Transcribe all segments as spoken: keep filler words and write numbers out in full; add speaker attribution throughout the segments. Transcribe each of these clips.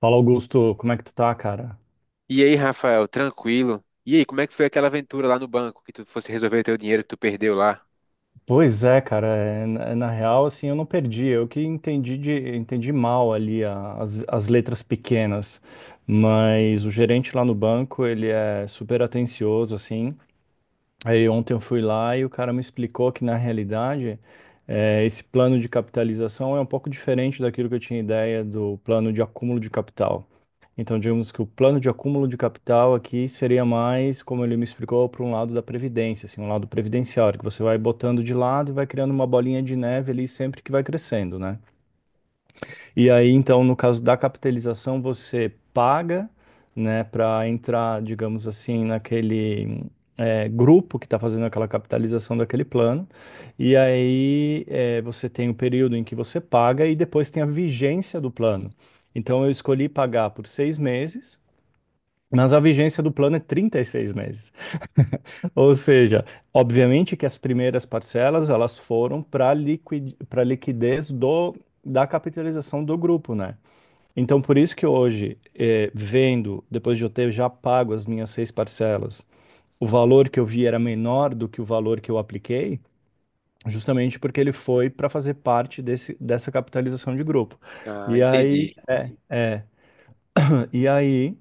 Speaker 1: Fala, Augusto, como é que tu tá, cara?
Speaker 2: E aí, Rafael, tranquilo? E aí, como é que foi aquela aventura lá no banco que tu fosse resolver teu dinheiro que tu perdeu lá?
Speaker 1: Pois é, cara, é, na, na real, assim, eu não perdi, eu que entendi, de, entendi mal ali a- as, as letras pequenas, mas o gerente lá no banco, ele é super atencioso, assim, aí ontem eu fui lá e o cara me explicou que, na realidade, é, esse plano de capitalização é um pouco diferente daquilo que eu tinha ideia do plano de acúmulo de capital. Então, digamos que o plano de acúmulo de capital aqui seria mais, como ele me explicou, para um lado da previdência, assim, um lado previdenciário, que você vai botando de lado e vai criando uma bolinha de neve ali sempre que vai crescendo, né? E aí, então, no caso da capitalização, você paga, né, para entrar, digamos assim, naquele eh, grupo que está fazendo aquela capitalização daquele plano. E aí, eh, você tem o período em que você paga e depois tem a vigência do plano. Então, eu escolhi pagar por seis meses. Mas a vigência do plano é trinta e seis meses. Ou seja, obviamente que as primeiras parcelas elas foram para liquid, para liquidez do, da capitalização do grupo, né? Então, por isso que hoje, eh, vendo, depois de eu ter já pago as minhas seis parcelas, o valor que eu vi era menor do que o valor que eu apliquei, justamente porque ele foi para fazer parte desse, dessa capitalização de grupo.
Speaker 2: Ah,
Speaker 1: E aí,
Speaker 2: entendi,
Speaker 1: é, e aí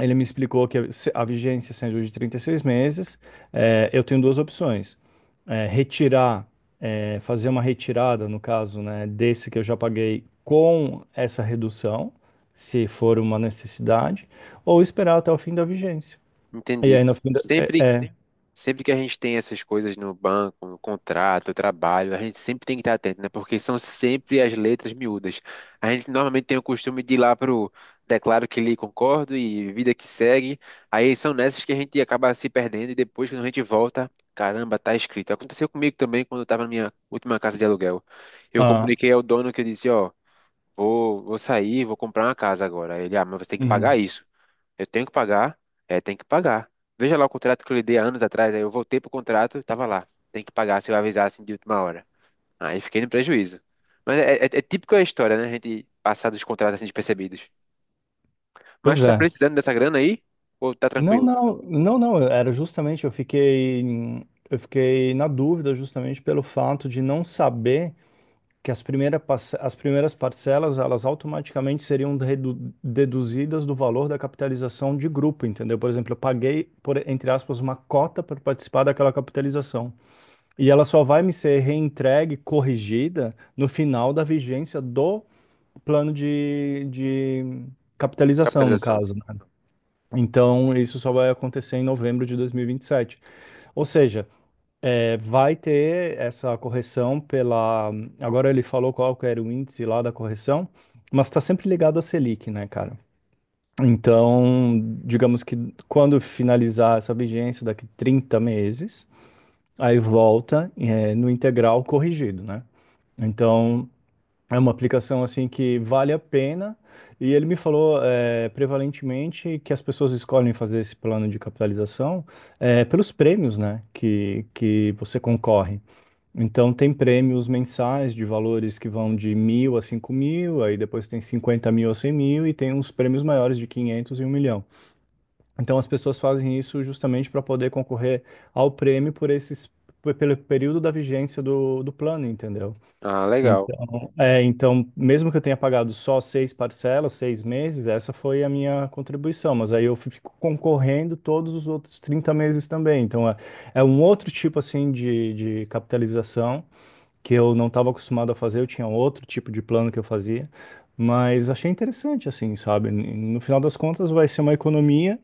Speaker 1: Ele me explicou que a vigência sendo de trinta e seis meses, eh, eu tenho duas opções. Eh, retirar, eh, Fazer uma retirada, no caso, né, desse que eu já paguei com essa redução, se for uma necessidade, ou esperar até o fim da vigência. E
Speaker 2: entendi.
Speaker 1: aí, no fim da... É,
Speaker 2: Sempre
Speaker 1: é.
Speaker 2: Sempre que a gente tem essas coisas no banco, no contrato, no trabalho, a gente sempre tem que estar atento, né? Porque são sempre as letras miúdas. A gente normalmente tem o costume de ir lá pro declaro que lhe concordo e vida que segue. Aí são nessas que a gente acaba se perdendo e depois quando a gente volta, caramba, tá escrito. Aconteceu comigo também quando eu tava na minha última casa de aluguel. Eu
Speaker 1: Ah,
Speaker 2: comuniquei ao dono, que eu disse, ó, vou, vou sair, vou comprar uma casa agora. Ele, ah, mas você tem que pagar
Speaker 1: uhum.
Speaker 2: isso. Eu tenho que pagar, é, tem que pagar. Veja lá o contrato que eu lhe dei há anos atrás, aí eu voltei pro contrato e tava lá. Tem que pagar se eu avisar assim de última hora. Aí fiquei no prejuízo. Mas é, é, é típico a história, né? A gente passar dos contratos assim despercebidos. Mas
Speaker 1: Pois
Speaker 2: tu tá
Speaker 1: é.
Speaker 2: precisando dessa grana aí? Ou tá
Speaker 1: Não,
Speaker 2: tranquilo?
Speaker 1: não, não, não, era justamente, eu fiquei, eu fiquei na dúvida justamente pelo fato de não saber que as primeiras, as primeiras parcelas elas automaticamente seriam redu- deduzidas do valor da capitalização de grupo, entendeu? Por exemplo, eu paguei, por, entre aspas, uma cota para participar daquela capitalização. E ela só vai me ser reentregue, corrigida, no final da vigência do plano de, de capitalização, no
Speaker 2: Capitalização.
Speaker 1: caso, né? Então, isso só vai acontecer em novembro de dois mil e vinte e sete. Ou seja, é, vai ter essa correção pela. Agora ele falou qual que era o índice lá da correção, mas está sempre ligado à Selic, né, cara? Então, digamos que quando finalizar essa vigência, daqui trinta meses, aí volta, é, no integral corrigido, né? Então, é uma aplicação assim que vale a pena. E ele me falou, é, prevalentemente que as pessoas escolhem fazer esse plano de capitalização, é, pelos prêmios, né, que, que você concorre. Então, tem prêmios mensais de valores que vão de mil a cinco mil, aí depois tem cinquenta mil a cem mil e tem uns prêmios maiores de quinhentos e um milhão. Então, as pessoas fazem isso justamente para poder concorrer ao prêmio por esses, pe- pelo período da vigência do, do plano, entendeu?
Speaker 2: Ah, legal.
Speaker 1: Então, é, então, mesmo que eu tenha pagado só seis parcelas, seis meses, essa foi a minha contribuição, mas aí eu fico concorrendo todos os outros trinta meses também. Então, é, é um outro tipo, assim, de, de capitalização que eu não estava acostumado a fazer, eu tinha outro tipo de plano que eu fazia, mas achei interessante, assim, sabe? N- No final das contas, vai ser uma economia,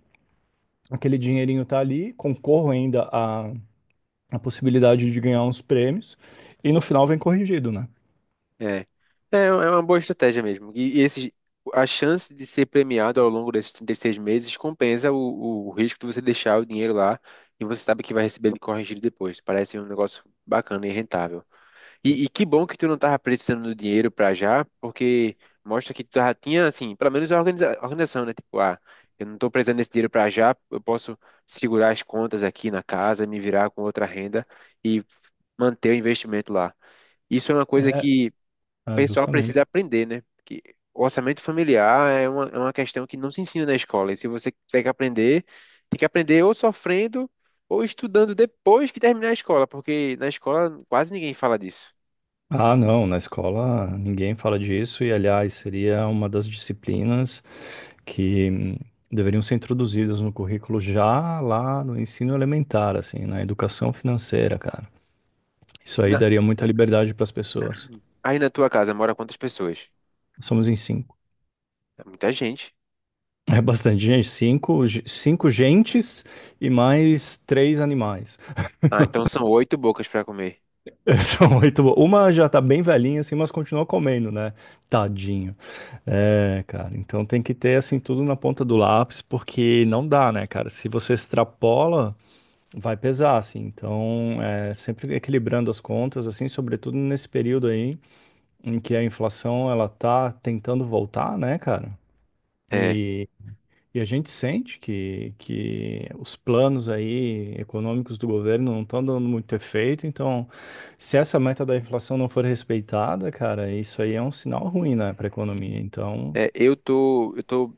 Speaker 1: aquele dinheirinho tá ali, concorro ainda a, a possibilidade de ganhar uns prêmios, e no final vem corrigido, né?
Speaker 2: É, é é uma boa estratégia mesmo. E, e esses, a chance de ser premiado ao longo desses trinta e seis meses compensa o, o risco de você deixar o dinheiro lá e você sabe que vai receber ele corrigido depois. Parece um negócio bacana e rentável. E, e que bom que tu não tava precisando do dinheiro pra já, porque mostra que tu já tinha, assim, pelo menos a organiza- organização, né? Tipo, ah, eu não tô precisando desse dinheiro pra já, eu posso segurar as contas aqui na casa, me virar com outra renda e manter o investimento lá. Isso é uma coisa
Speaker 1: É,
Speaker 2: que
Speaker 1: ah,
Speaker 2: pessoal precisa
Speaker 1: justamente.
Speaker 2: aprender, né? Que o orçamento familiar é uma, é uma questão que não se ensina na escola. E se você tiver que aprender, tem que aprender ou sofrendo ou estudando depois que terminar a escola, porque na escola quase ninguém fala disso.
Speaker 1: Ah, não, na escola ninguém fala disso, e aliás, seria uma das disciplinas que hum, deveriam ser introduzidas no currículo já lá no ensino elementar, assim, na educação financeira, cara. Isso aí
Speaker 2: Na-
Speaker 1: daria muita liberdade para as pessoas.
Speaker 2: Aí na tua casa mora quantas pessoas?
Speaker 1: Somos em cinco.
Speaker 2: É muita gente.
Speaker 1: É bastante gente, cinco, ge- cinco gentes e mais três animais.
Speaker 2: Ah, então são oito bocas para comer.
Speaker 1: São oito. bo- Uma já tá bem velhinha, assim, mas continua comendo, né? Tadinho. É, cara, então tem que ter, assim, tudo na ponta do lápis, porque não dá, né, cara? Se você extrapola vai pesar, assim. Então, é, sempre equilibrando as contas, assim, sobretudo nesse período aí em que a inflação ela tá tentando voltar, né, cara?
Speaker 2: É,
Speaker 1: E, e a gente sente que, que os planos aí econômicos do governo não estão dando muito efeito. Então, se essa meta da inflação não for respeitada, cara, isso aí é um sinal ruim, né, para a economia. Então,
Speaker 2: é, eu tô, eu tô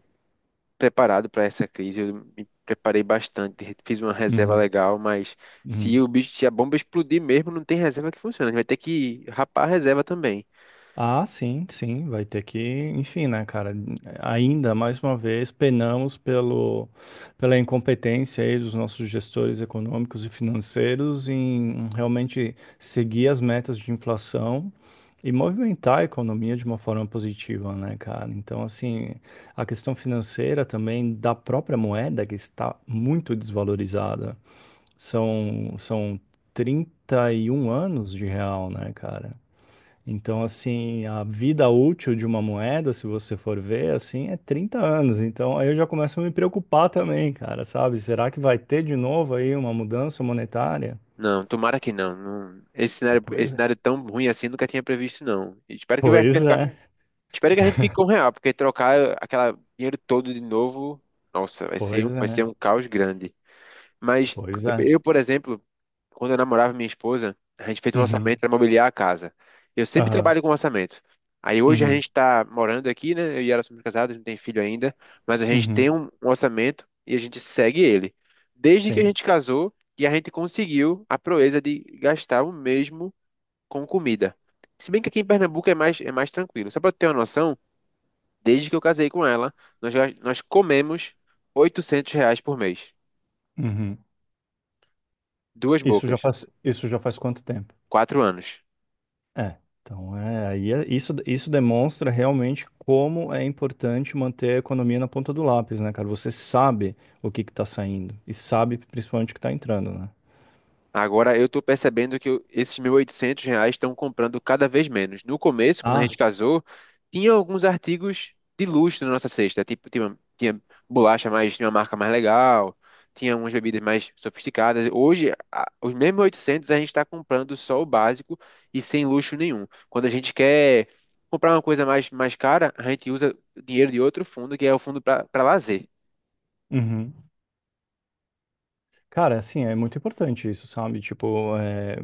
Speaker 2: preparado para essa crise, eu me preparei bastante, fiz uma reserva
Speaker 1: uhum,
Speaker 2: legal, mas se
Speaker 1: uhum.
Speaker 2: o bicho, se a bomba explodir mesmo, não tem reserva que funcione, a gente vai ter que rapar a reserva também.
Speaker 1: Ah, sim, sim, vai ter que, enfim, né, cara, ainda mais uma vez penamos pelo, pela incompetência aí dos nossos gestores econômicos e financeiros em realmente seguir as metas de inflação e movimentar a economia de uma forma positiva, né, cara? Então, assim, a questão financeira também da própria moeda que está muito desvalorizada. São, são trinta e um anos de real, né, cara? Então, assim, a vida útil de uma moeda, se você for ver, assim, é trinta anos. Então, aí eu já começo a me preocupar também, cara, sabe? Será que vai ter de novo aí uma mudança monetária?
Speaker 2: Não, tomara que não. Não- esse cenário, esse
Speaker 1: Pois é.
Speaker 2: cenário tão ruim assim eu nunca tinha previsto, não. E Espero que vai,
Speaker 1: Pois é.
Speaker 2: espero que a gente fique com o real, porque trocar aquele dinheiro todo de novo, nossa, vai ser,
Speaker 1: Pois
Speaker 2: um- vai ser
Speaker 1: é.
Speaker 2: um caos grande. Mas
Speaker 1: Pois
Speaker 2: eu,
Speaker 1: é.
Speaker 2: eu, por exemplo, quando eu namorava minha esposa, a gente fez um
Speaker 1: Uhum.
Speaker 2: orçamento para mobiliar a casa. Eu sempre
Speaker 1: Aham.
Speaker 2: trabalho com orçamento. Aí hoje a
Speaker 1: Uhum.
Speaker 2: gente está morando aqui, né? Eu e ela somos casados, não tem filho ainda, mas a gente tem
Speaker 1: Uhum.
Speaker 2: um, um orçamento e a gente segue ele. Desde que a
Speaker 1: Sim.
Speaker 2: gente casou e a gente conseguiu a proeza de gastar o mesmo com comida. Se bem que aqui em Pernambuco é mais, é mais tranquilo. Só para ter uma noção, desde que eu casei com ela, nós, ga- nós comemos oitocentos reais por mês.
Speaker 1: Uhum.
Speaker 2: Duas
Speaker 1: Isso já
Speaker 2: bocas.
Speaker 1: faz, isso já faz quanto tempo?
Speaker 2: Quatro anos.
Speaker 1: É, então é, aí é- isso, isso demonstra realmente como é importante manter a economia na ponta do lápis, né, cara? Você sabe o que que tá saindo e sabe principalmente o que tá entrando, né?
Speaker 2: Agora eu estou percebendo que eu- esses mil e oitocentos reais estão comprando cada vez menos. No começo, quando a
Speaker 1: Ah,
Speaker 2: gente casou, tinha alguns artigos de luxo na nossa cesta. Tipo, tinha, tinha bolacha mais, tinha uma marca mais legal, tinha umas bebidas mais sofisticadas. Hoje, a- os mesmos mil e oitocentos a gente está comprando só o básico e sem luxo nenhum. Quando a gente quer comprar uma coisa mais, mais cara, a gente usa dinheiro de outro fundo, que é o fundo para lazer.
Speaker 1: uhum. Cara, assim, é muito importante isso, sabe? Tipo, é,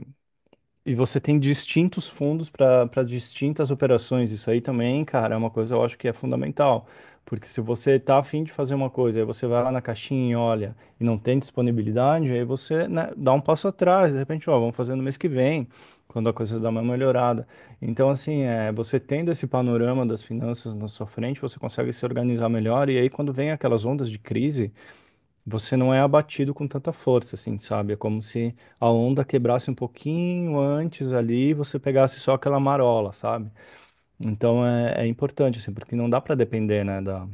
Speaker 1: e você tem distintos fundos para para distintas operações. Isso aí também, cara, é uma coisa que eu acho que é fundamental. Porque se você tá afim de fazer uma coisa, aí você vai lá na caixinha e olha, e não tem disponibilidade, aí você, né, dá um passo atrás. De repente, ó, vamos fazer no mês que vem, quando a coisa dá uma melhorada. Então, assim, é, você tendo esse panorama das finanças na sua frente, você consegue se organizar melhor. E aí, quando vem aquelas ondas de crise, você não é abatido com tanta força, assim, sabe? É como se a onda quebrasse um pouquinho antes ali e você pegasse só aquela marola, sabe? Então é, é importante, assim, porque não dá para depender, né, da,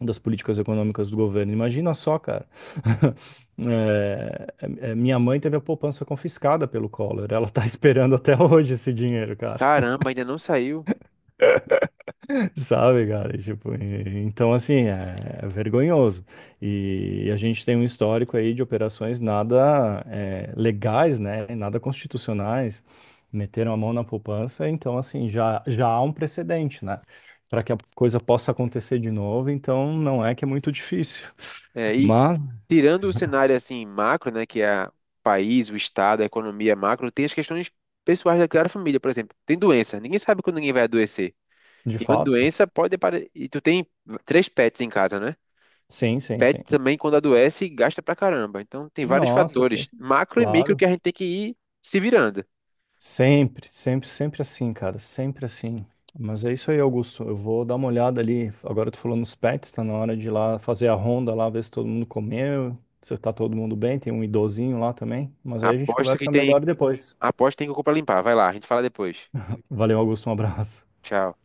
Speaker 1: das políticas econômicas do governo. Imagina só, cara. É, é, minha mãe teve a poupança confiscada pelo Collor. Ela tá esperando até hoje esse dinheiro, cara.
Speaker 2: Caramba, ainda não saiu.
Speaker 1: Sabe, cara? Tipo, e- então assim, é, é vergonhoso. E, a gente tem um histórico aí de operações nada é, legais, né? Nada constitucionais. Meteram a mão na poupança, então assim, já, já há um precedente, né? Para que a coisa possa acontecer de novo, então não é que é muito difícil.
Speaker 2: É, e
Speaker 1: Mas,
Speaker 2: tirando o cenário assim macro, né, que é o país, o estado, a economia macro, tem as questões pessoais daquela família, por exemplo, tem doença, ninguém sabe quando ninguém vai adoecer.
Speaker 1: de
Speaker 2: E uma
Speaker 1: fato,
Speaker 2: doença pode apare... e tu tem três pets em casa, né?
Speaker 1: sim, sim,
Speaker 2: Pet
Speaker 1: sim.
Speaker 2: também quando adoece gasta pra caramba. Então tem vários
Speaker 1: Nossa, sim,
Speaker 2: fatores,
Speaker 1: sim.
Speaker 2: macro e micro,
Speaker 1: Claro.
Speaker 2: que a gente tem que ir se virando.
Speaker 1: Sempre, sempre, sempre assim, cara, sempre assim. Mas é isso aí, Augusto. Eu vou dar uma olhada ali. Agora tu falou nos pets, tá na hora de ir lá fazer a ronda lá, ver se todo mundo comeu, se tá todo mundo bem. Tem um idosinho lá também. Mas aí a gente
Speaker 2: Aposto que
Speaker 1: conversa
Speaker 2: tem,
Speaker 1: melhor depois.
Speaker 2: aposto que tem que comprar limpar. Vai lá, a gente fala depois.
Speaker 1: Valeu, Augusto, um abraço.
Speaker 2: Tchau.